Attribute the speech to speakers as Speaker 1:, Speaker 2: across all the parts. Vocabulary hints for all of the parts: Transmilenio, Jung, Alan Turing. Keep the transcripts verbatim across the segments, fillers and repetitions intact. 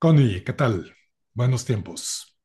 Speaker 1: Connie, ¿qué tal? Buenos tiempos.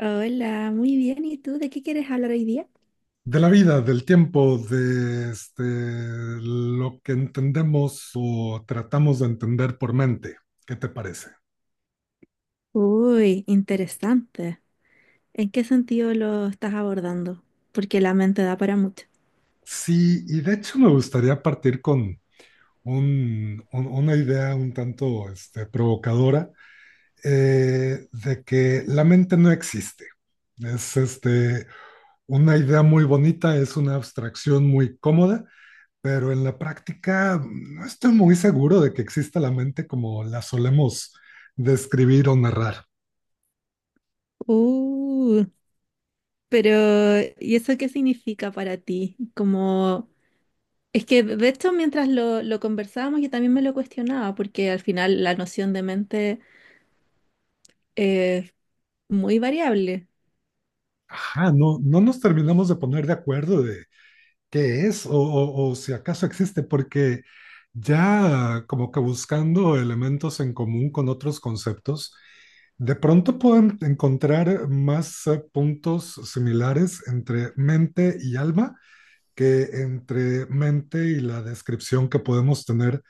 Speaker 2: Hola, muy bien. ¿Y tú de qué quieres hablar hoy día?
Speaker 1: De la vida, del tiempo, de este, lo que entendemos o tratamos de entender por mente. ¿Qué te parece?
Speaker 2: Uy, interesante. ¿En qué sentido lo estás abordando? Porque la mente da para mucho.
Speaker 1: Sí, y de hecho me gustaría partir con un- un- una idea un tanto este, provocadora, eh, de que la mente no existe. Es este, una idea muy bonita, es una abstracción muy cómoda, pero en la práctica mm, no estoy muy seguro de que exista la mente como la solemos describir o narrar.
Speaker 2: Uh, pero ¿y eso qué significa para ti? Como, es que de hecho mientras lo, lo conversábamos yo también me lo cuestionaba porque al final la noción de mente es muy variable.
Speaker 1: Ajá, no, no nos terminamos de poner de acuerdo de qué es o, o- o si acaso existe, porque ya como que buscando elementos en común con otros conceptos, de pronto pueden encontrar más eh, puntos similares entre mente y alma que entre mente y la descripción que podemos tener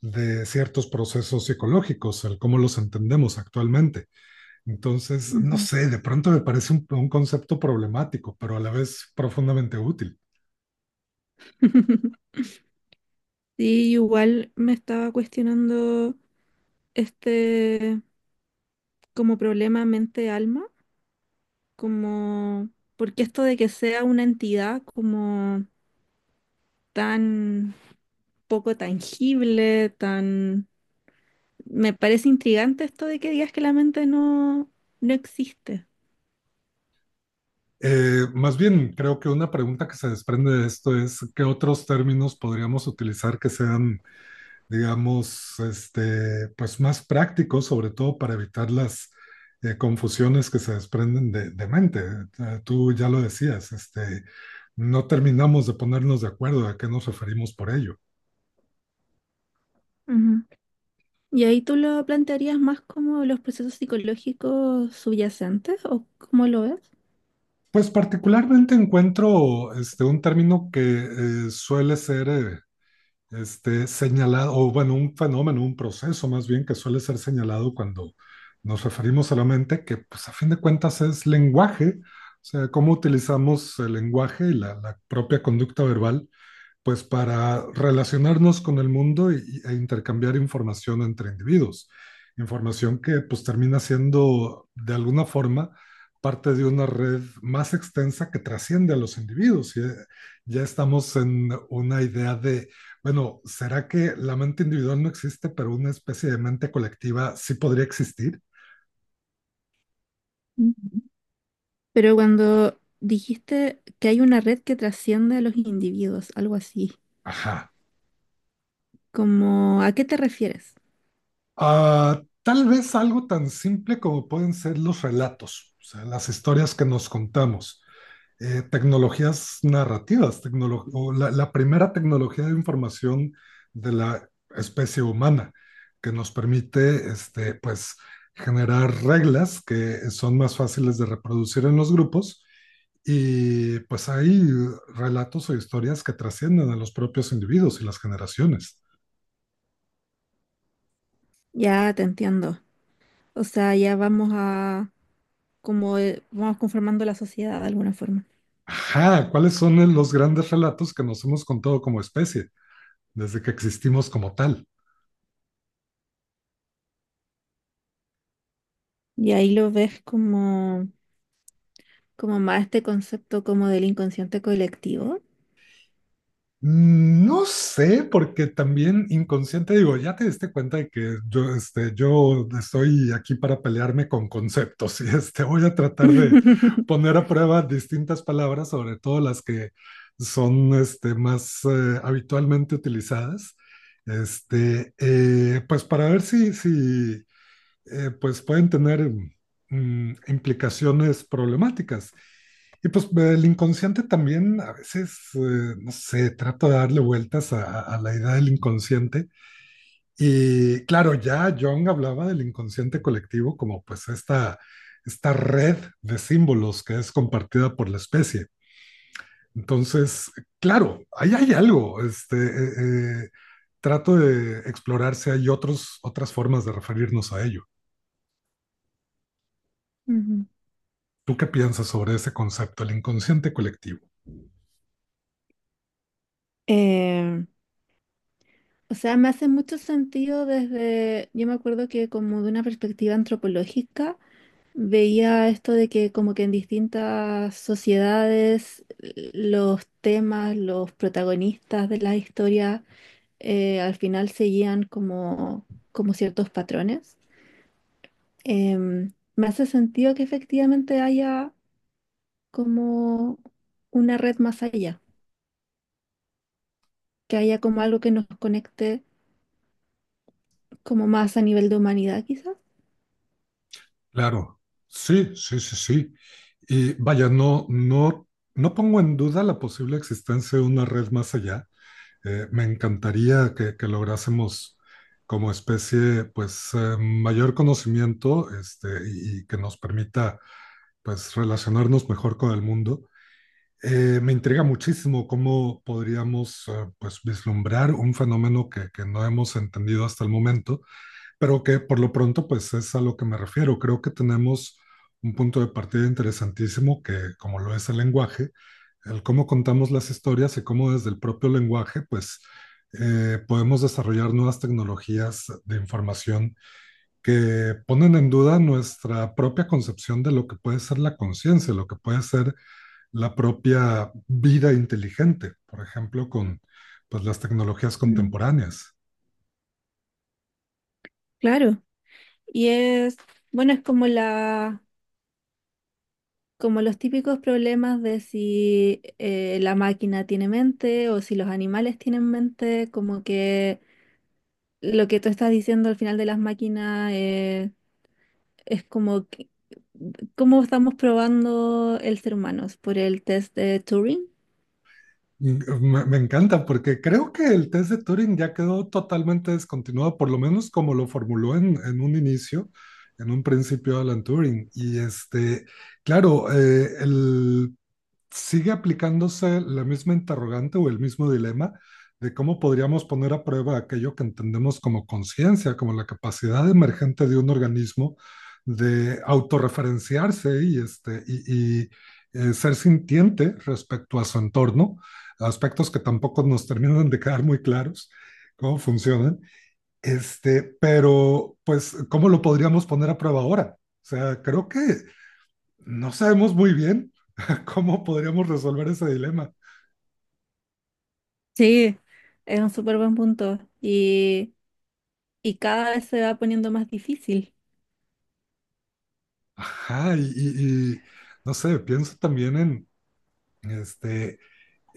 Speaker 1: de ciertos procesos psicológicos, el cómo los entendemos actualmente. Entonces, no
Speaker 2: Ujú.
Speaker 1: sé, de pronto me parece un, un concepto problemático, pero a la vez profundamente útil.
Speaker 2: Sí, igual me estaba cuestionando este como problema mente-alma. Como, porque esto de que sea una entidad como tan poco tangible, tan... Me parece intrigante esto de que digas que la mente no, no existe.
Speaker 1: Eh, más bien, creo que una pregunta que se desprende de esto es qué otros términos podríamos utilizar que sean, digamos, este, pues más prácticos, sobre todo para evitar las eh, confusiones que se desprenden de, de mente. Eh, Tú ya lo decías, este, no terminamos de ponernos de acuerdo a qué nos referimos por ello.
Speaker 2: Ujú. ¿Y ahí tú lo plantearías más como los procesos psicológicos subyacentes o cómo lo ves?
Speaker 1: Pues particularmente encuentro, este, un término que eh, suele ser, eh, este, señalado, o bueno, un fenómeno, un proceso más bien que suele ser señalado cuando nos referimos a la mente, que pues a fin de cuentas es lenguaje, o sea, cómo utilizamos el lenguaje y la, la propia conducta verbal pues para relacionarnos con el mundo y- e intercambiar información entre individuos. Información que pues termina siendo de alguna forma parte de una red más extensa que trasciende a los individuos. Y, eh, ya estamos en una idea de, bueno, ¿será que la mente individual no existe, pero una especie de mente colectiva sí podría existir?
Speaker 2: Ujú. Pero cuando dijiste que hay una red que trasciende a los individuos, algo así,
Speaker 1: Ajá.
Speaker 2: como, ¿a qué te refieres?
Speaker 1: Ah, tal vez algo tan simple como pueden ser los relatos, o sea, las historias que nos contamos, eh, tecnologías narrativas, tecnolo o la, la, primera tecnología de información de la especie humana, que nos permite, este, pues, generar reglas que son más fáciles de reproducir en los grupos. Y pues hay relatos o historias que trascienden a los propios individuos y las generaciones.
Speaker 2: Ya te entiendo. O sea, ya vamos a como eh, vamos conformando la sociedad de alguna forma.
Speaker 1: Ajá, ¿cuáles son los grandes relatos que nos hemos contado como especie desde que existimos como tal?
Speaker 2: Y ahí lo ves como, como más este concepto como del inconsciente colectivo.
Speaker 1: Mm, No sé, porque también inconsciente, digo, ya te diste cuenta de que yo, este, yo estoy aquí para pelearme con conceptos y este, voy a tratar de poner a prueba distintas palabras, sobre todo las que son, este, más eh, habitualmente utilizadas, este, eh, pues para ver si, si, eh, pues pueden tener, mm, implicaciones problemáticas. Y pues el inconsciente también a veces, eh, no sé, trata de darle vueltas a, a, la idea del inconsciente. Y claro, ya Jung hablaba del inconsciente colectivo como pues esta, esta red de símbolos que es compartida por la especie. Entonces, claro, ahí hay algo. Este, eh, eh, trato de explorar si hay otros, otras formas de referirnos a ello.
Speaker 2: Ujú.
Speaker 1: ¿Tú qué piensas sobre ese concepto, el inconsciente colectivo?
Speaker 2: Eh, o sea, me hace mucho sentido desde, yo me acuerdo que como de una perspectiva antropológica, veía esto de que como que en distintas sociedades eh, los temas, los protagonistas de la historia eh, al final seguían como, como ciertos patrones. Em, me hace sentido que efectivamente haya como una red más allá, que haya como algo que nos conecte como más a nivel de humanidad, quizás.
Speaker 1: Claro, sí, sí, sí, sí. Y vaya, no, no, no pongo en duda la posible existencia de una red más allá. Eh, me encantaría que, que lográsemos como especie, pues, eh, mayor conocimiento, este, y, y que nos permita, pues, relacionarnos mejor con el mundo. Eh, me intriga muchísimo cómo podríamos, eh, pues, vislumbrar un fenómeno que, que no hemos entendido hasta el momento. Pero que por lo pronto, pues es a lo que me refiero. Creo que tenemos un punto de partida interesantísimo que, como lo es el lenguaje, el cómo contamos las historias y cómo desde el propio lenguaje, pues, eh, podemos desarrollar nuevas tecnologías de información que ponen en duda nuestra propia concepción de lo que puede ser la conciencia, lo que puede ser la propia vida inteligente, por ejemplo, con, pues, las tecnologías
Speaker 2: Mm,
Speaker 1: contemporáneas.
Speaker 2: claro. Y es, bueno, es como la, como los típicos problemas de si eh, la máquina tiene mente o si los animales tienen mente, como que lo que tú estás diciendo al final de las máquinas es es como que- cómo estamos probando el ser humano por el test de Turing.
Speaker 1: Me, me encanta porque creo que el test de Turing ya quedó totalmente descontinuado, por lo menos como lo formuló en, en un inicio, en un principio Alan Turing. Y este, claro, eh, el sigue aplicándose la misma interrogante o el mismo dilema de cómo podríamos poner a prueba aquello que entendemos como conciencia, como la capacidad emergente de un organismo de autorreferenciarse y, este, y, y eh, ser sintiente respecto a su entorno, aspectos que tampoco nos terminan de quedar muy claros cómo funcionan, este, pero pues, ¿cómo lo podríamos poner a prueba ahora? O sea, creo que no sabemos muy bien ¿cómo podríamos resolver ese dilema?
Speaker 2: Sí, es un súper buen punto y, y cada vez se va poniendo más difícil.
Speaker 1: Ajá, y, y- y, no sé, pienso también en este,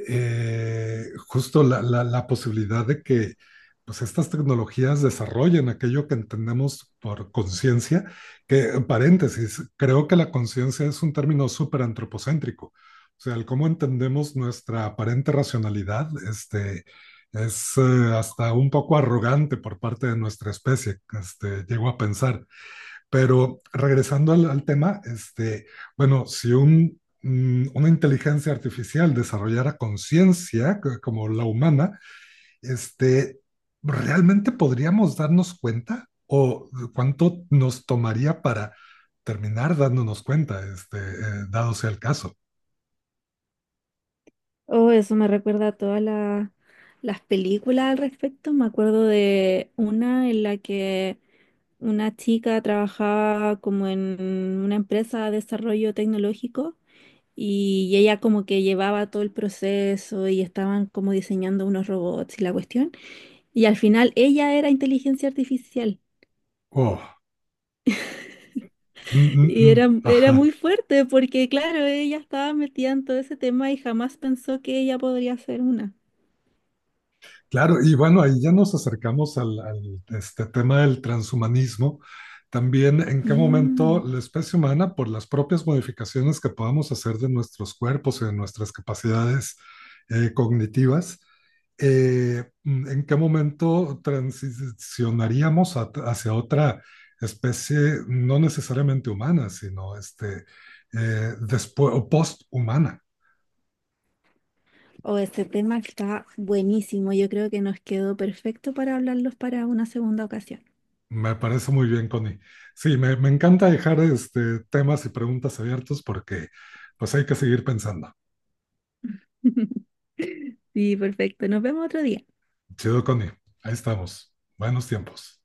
Speaker 1: eh, justo la, la- la posibilidad de que, pues, estas tecnologías desarrollen aquello que entendemos por conciencia, que, en paréntesis, creo que la conciencia es un término súper antropocéntrico. O sea, el cómo entendemos nuestra aparente racionalidad, este, es, eh, hasta un poco arrogante por parte de nuestra especie, este, llego a pensar. Pero regresando al, al tema, este, bueno, si un, mm, una inteligencia artificial desarrollara conciencia c- como la humana, este, ¿realmente podríamos darnos cuenta? ¿O cuánto nos tomaría para terminar dándonos cuenta, este, eh, dado sea el caso?
Speaker 2: Oh, eso me recuerda a todas la- las películas al respecto. Me acuerdo de una en la que una chica trabajaba como en una empresa de desarrollo tecnológico y ella como que llevaba todo el proceso y estaban como diseñando unos robots y la cuestión. Y al final ella era inteligencia artificial.
Speaker 1: Oh, mm, mm,
Speaker 2: Y
Speaker 1: mm,
Speaker 2: era, era
Speaker 1: ajá.
Speaker 2: muy fuerte porque, claro, ella estaba metida en todo ese tema y jamás pensó que ella podría ser una.
Speaker 1: Claro, y bueno, ahí ya nos acercamos al, al, este tema del transhumanismo. También en qué
Speaker 2: Mm.
Speaker 1: momento la especie humana, por las propias modificaciones que podamos hacer de nuestros cuerpos y de nuestras capacidades, eh, cognitivas, eh, mm, en qué momento transicionaríamos a- hacia otra especie no necesariamente humana, sino, este, eh, después, o post-humana.
Speaker 2: Oh, este tema está buenísimo. Yo creo que nos quedó perfecto para hablarlos para una segunda ocasión.
Speaker 1: Me parece muy bien, Connie. Sí, me, me encanta dejar, este, temas y preguntas abiertos, porque pues hay que seguir pensando.
Speaker 2: Sí, perfecto. Nos vemos otro día.
Speaker 1: Chido, Connie. Ahí estamos. Buenos tiempos.